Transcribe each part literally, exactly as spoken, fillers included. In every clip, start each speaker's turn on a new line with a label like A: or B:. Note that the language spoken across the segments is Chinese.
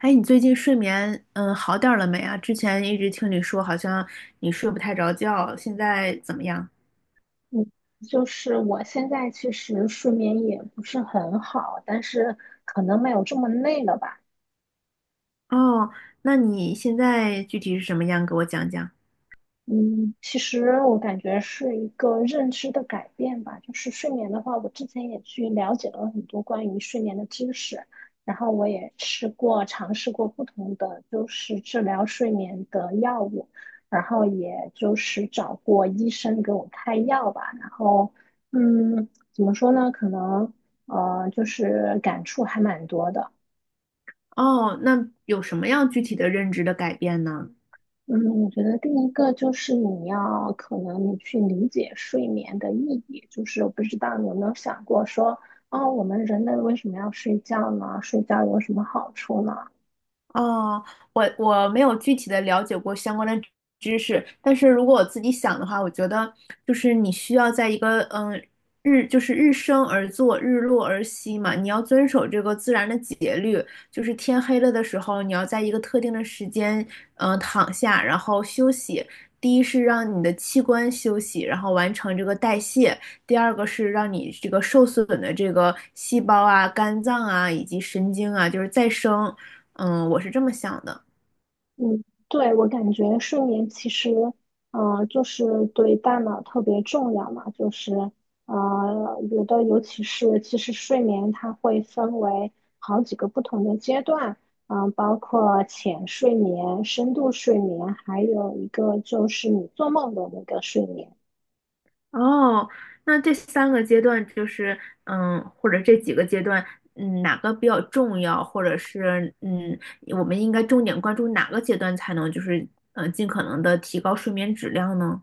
A: 哎，你最近睡眠嗯好点儿了没啊？之前一直听你说好像你睡不太着觉，现在怎么样？
B: 嗯，就是我现在其实睡眠也不是很好，但是可能没有这么累了吧。
A: 哦，那你现在具体是什么样？给我讲讲。
B: 嗯，其实我感觉是一个认知的改变吧。就是睡眠的话，我之前也去了解了很多关于睡眠的知识，然后我也吃过、尝试过不同的就是治疗睡眠的药物，然后也就是找过医生给我开药吧。然后，嗯，怎么说呢？可能呃，就是感触还蛮多的。
A: 哦，那有什么样具体的认知的改变呢？
B: 嗯，我觉得第一个就是你要可能你去理解睡眠的意义，就是我不知道你有没有想过说，啊，我们人类为什么要睡觉呢？睡觉有什么好处呢？
A: 哦，我我没有具体的了解过相关的知识，但是如果我自己想的话，我觉得就是你需要在一个嗯日就是日升而作，日落而息嘛，你要遵守这个自然的节律，就是天黑了的时候，你要在一个特定的时间嗯躺下，然后休息。第一是让你的器官休息，然后完成这个代谢；第二个是让你这个受损的这个细胞啊、肝脏啊以及神经啊，就是再生。嗯，我是这么想的。
B: 嗯，对，我感觉睡眠其实，呃，就是对大脑特别重要嘛，就是，呃，有的尤其是其实睡眠它会分为好几个不同的阶段，嗯、包括浅睡眠、深度睡眠，还有一个就是你做梦的那个睡眠。
A: 哦，那这三个阶段就是，嗯，或者这几个阶段，嗯，哪个比较重要，或者是，嗯，我们应该重点关注哪个阶段才能，就是，嗯，尽可能的提高睡眠质量呢？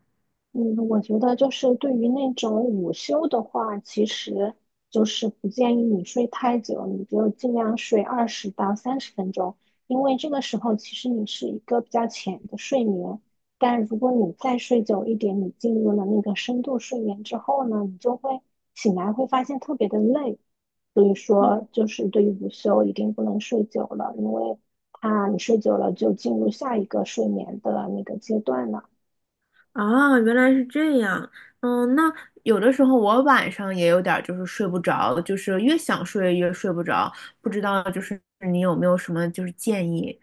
B: 嗯，我觉得就是对于那种午休的话，其实就是不建议你睡太久，你就尽量睡二十到三十分钟，因为这个时候其实你是一个比较浅的睡眠。但如果你再睡久一点，你进入了那个深度睡眠之后呢，你就会醒来会发现特别的累。所以
A: 嗯
B: 说，就是对于午休一定不能睡久了，因为它你睡久了就进入下一个睡眠的那个阶段了。
A: 啊，原来是这样。嗯，那有的时候我晚上也有点儿就是睡不着，就是越想睡越睡不着，不知道就是你有没有什么就是建议？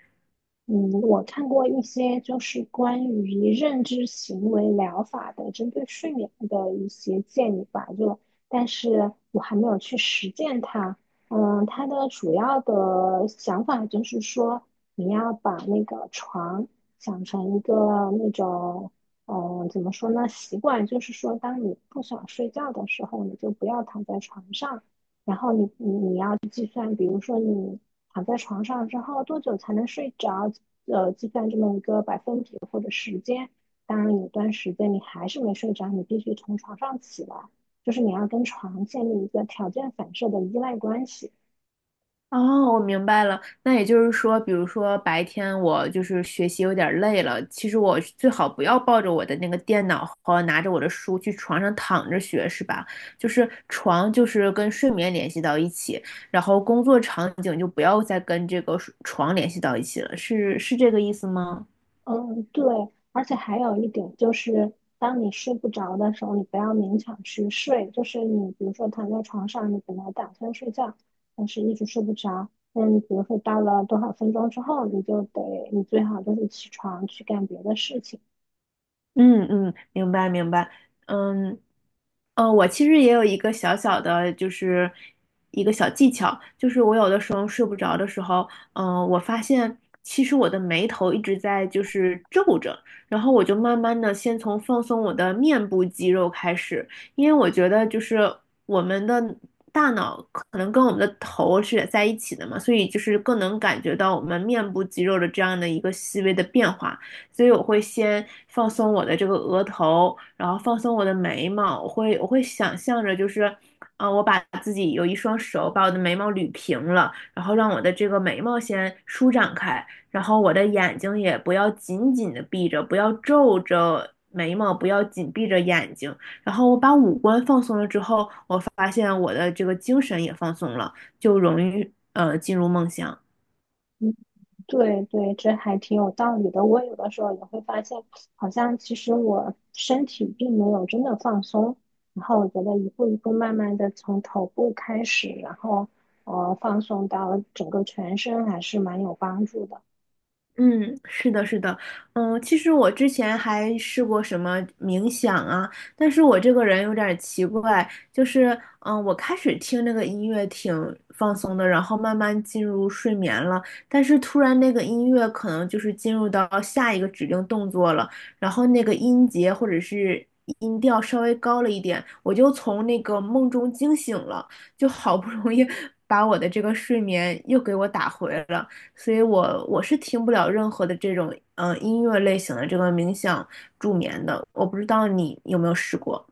B: 嗯，我看过一些就是关于认知行为疗法的，针对睡眠的一些建议吧，就，但是我还没有去实践它。嗯，它的主要的想法就是说，你要把那个床想成一个那种，嗯，怎么说呢，习惯，就是说，当你不想睡觉的时候，你就不要躺在床上。然后你你你要计算，比如说你躺在床上之后多久才能睡着，呃，计算这么一个百分比或者时间。当然，有段时间你还是没睡着，你必须从床上起来，就是你要跟床建立一个条件反射的依赖关系。
A: 哦，我明白了。那也就是说，比如说白天我就是学习有点儿累了，其实我最好不要抱着我的那个电脑和拿着我的书去床上躺着学，是吧？就是床就是跟睡眠联系到一起，然后工作场景就不要再跟这个睡床联系到一起了，是是这个意思吗？
B: 嗯，对，而且还有一点就是，当你睡不着的时候，你不要勉强去睡。就是你比如说躺在床上，你本来打算睡觉，但是一直睡不着。那你比如说到了多少分钟之后，你就得，你最好就是起床去干别的事情。
A: 嗯嗯，明白明白，嗯，呃，我其实也有一个小小的，就是一个小技巧，就是我有的时候睡不着的时候，嗯、我发现其实我的眉头一直在就是皱着，然后我就慢慢的先从放松我的面部肌肉开始，因为我觉得就是我们的大脑可能跟我们的头是在一起的嘛，所以就是更能感觉到我们面部肌肉的这样的一个细微的变化。所以我会先放松我的这个额头，然后放松我的眉毛，我会我会想象着就是，啊、我把自己有一双手把我的眉毛捋平了，然后让我的这个眉毛先舒展开，然后我的眼睛也不要紧紧的闭着，不要皱着眉毛，不要紧闭着眼睛，然后我把五官放松了之后，我发现我的这个精神也放松了，就容易呃进入梦乡。
B: 嗯，对对，这还挺有道理的。我有的时候也会发现，好像其实我身体并没有真的放松。然后我觉得一步一步慢慢的从头部开始，然后呃放松到整个全身，还是蛮有帮助的。
A: 嗯，是的，是的，嗯，其实我之前还试过什么冥想啊，但是我这个人有点儿奇怪，就是，嗯，我开始听那个音乐挺放松的，然后慢慢进入睡眠了，但是突然那个音乐可能就是进入到下一个指令动作了，然后那个音节或者是音调稍微高了一点，我就从那个梦中惊醒了，就好不容易 把我的这个睡眠又给我打回了。所以我我是听不了任何的这种嗯、呃音乐类型的这个冥想助眠的，我不知道你有没有试过。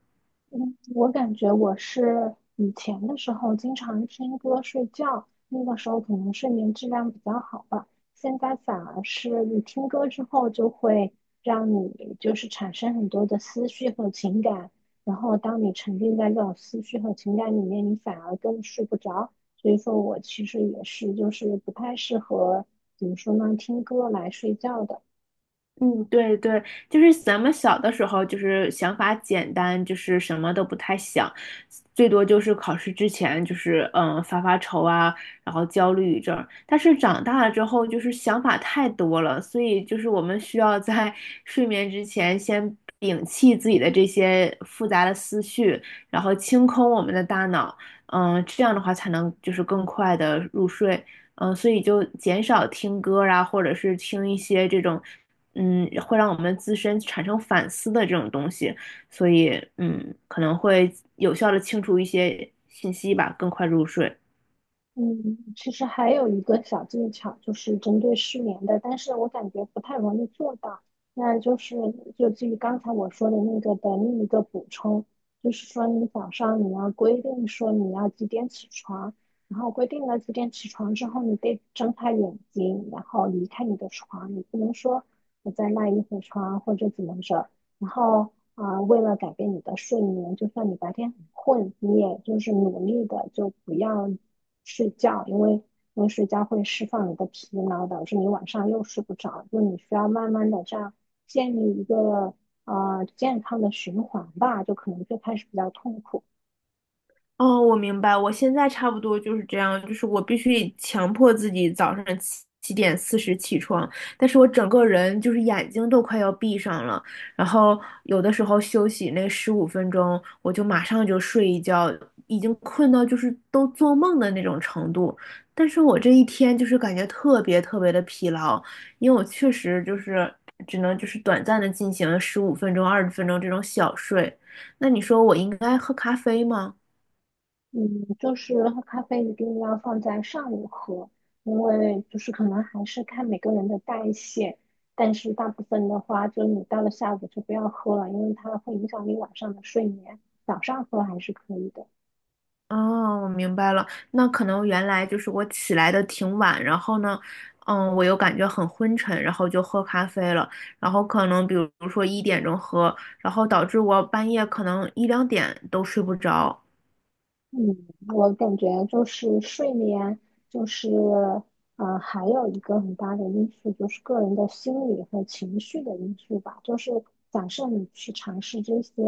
B: 嗯，我感觉我是以前的时候经常听歌睡觉，那个时候可能睡眠质量比较好吧。现在反而是你听歌之后，就会让你就是产生很多的思绪和情感，然后当你沉浸在这种思绪和情感里面，你反而更睡不着。所以说我其实也是就是不太适合怎么说呢，听歌来睡觉的。
A: 嗯，对对，就是咱们小的时候，就是想法简单，就是什么都不太想，最多就是考试之前，就是嗯发发愁啊，然后焦虑一阵儿。但是长大了之后，就是想法太多了，所以就是我们需要在 睡眠之前先摒弃自己的这些复杂的思绪，然后清空我们的大脑，嗯，这样的话才能就是更快的入睡。嗯，呃所以就减少听歌啊，或者是听一些这种嗯，会让我们自身产生反思的这种东西，所以嗯，可能会有效的清除一些信息吧，更快入睡。
B: 嗯，其实还有一个小技巧，就是针对失眠的，但是我感觉不太容易做到。那就是就基于刚才我说的那个的另一个补充，就是说你早上你要规定说你要几点起床，然后规定了几点起床之后，你得睁开眼睛，然后离开你的床，你不能说我在赖一会儿床或者怎么着，然后啊，为了改变你的睡眠，就算你白天很困，你也就是努力的就不要睡觉，因为因为睡觉会释放你的疲劳，导致你晚上又睡不着。就你需要慢慢的这样建立一个啊健康的循环吧，就可能最开始比较痛苦，
A: 哦，我明白，我现在差不多就是这样，就是我必须强迫自己早上七七点四十起床，但是我整个人就是眼睛都快要闭上了，然后有的时候休息那十五分钟，我就马上就睡一觉，已经困到就是都做梦的那种程度，但是我这一天就是感觉特别特别的疲劳，因为我确实就是只能就是短暂的进行十五分钟、二十分钟这种小睡，那你说我应该喝咖啡吗？
B: 嗯，就是喝咖啡一定要放在上午喝，因为就是可能还是看每个人的代谢，但是大部分的话，就你到了下午就不要喝了，因为它会影响你晚上的睡眠。早上喝还是可以的。
A: 哦，我明白了。那可能原来就是我起来的挺晚，然后呢，嗯，我又感觉很昏沉，然后就喝咖啡了。然后可能比如说一点钟喝，然后导致我半夜可能一两点都睡不着。
B: 嗯，我感觉就是睡眠，就是呃，还有一个很大的因素就是个人的心理和情绪的因素吧。就是假设你去尝试这些，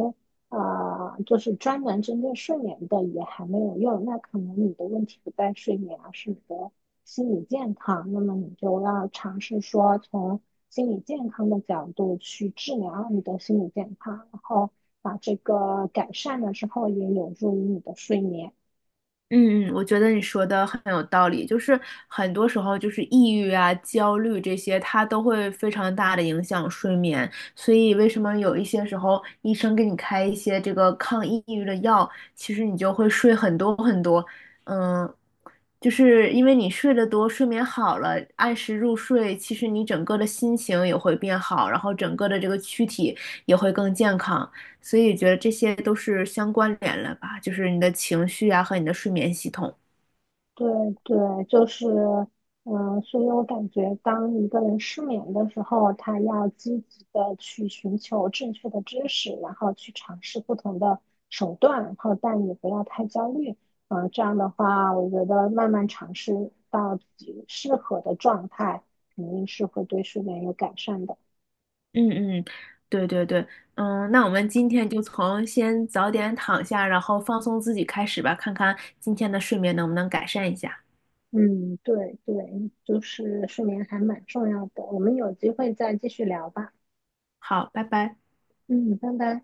B: 呃，就是专门针对睡眠的也还没有用，那可能你的问题不在睡眠，而是你的心理健康。那么你就要尝试说从心理健康的角度去治疗你的心理健康，然后把这个改善了之后，也有助于你的睡眠。
A: 嗯嗯，我觉得你说的很有道理，就是很多时候就是抑郁啊、焦虑这些，它都会非常大的影响睡眠。所以为什么有一些时候医生给你开一些这个抗抑郁的药，其实你就会睡很多很多，嗯，就是因为你睡得多，睡眠好了，按时入睡，其实你整个的心情也会变好，然后整个的这个躯体也会更健康。所以觉得这些都是相关联了吧，就是你的情绪啊和你的睡眠系统。
B: 对对，就是，嗯、所以我感觉，当一个人失眠的时候，他要积极的去寻求正确的知识，然后去尝试不同的手段，然后但也不要太焦虑。嗯、这样的话，我觉得慢慢尝试到自己适合的状态，肯定是会对睡眠有改善的。
A: 嗯嗯，对对对，嗯，那我们今天就从先早点躺下，然后放松自己开始吧，看看今天的睡眠能不能改善一下。
B: 嗯，对对，就是睡眠还蛮重要的。我们有机会再继续聊吧。
A: 好，拜拜。
B: 嗯，拜拜。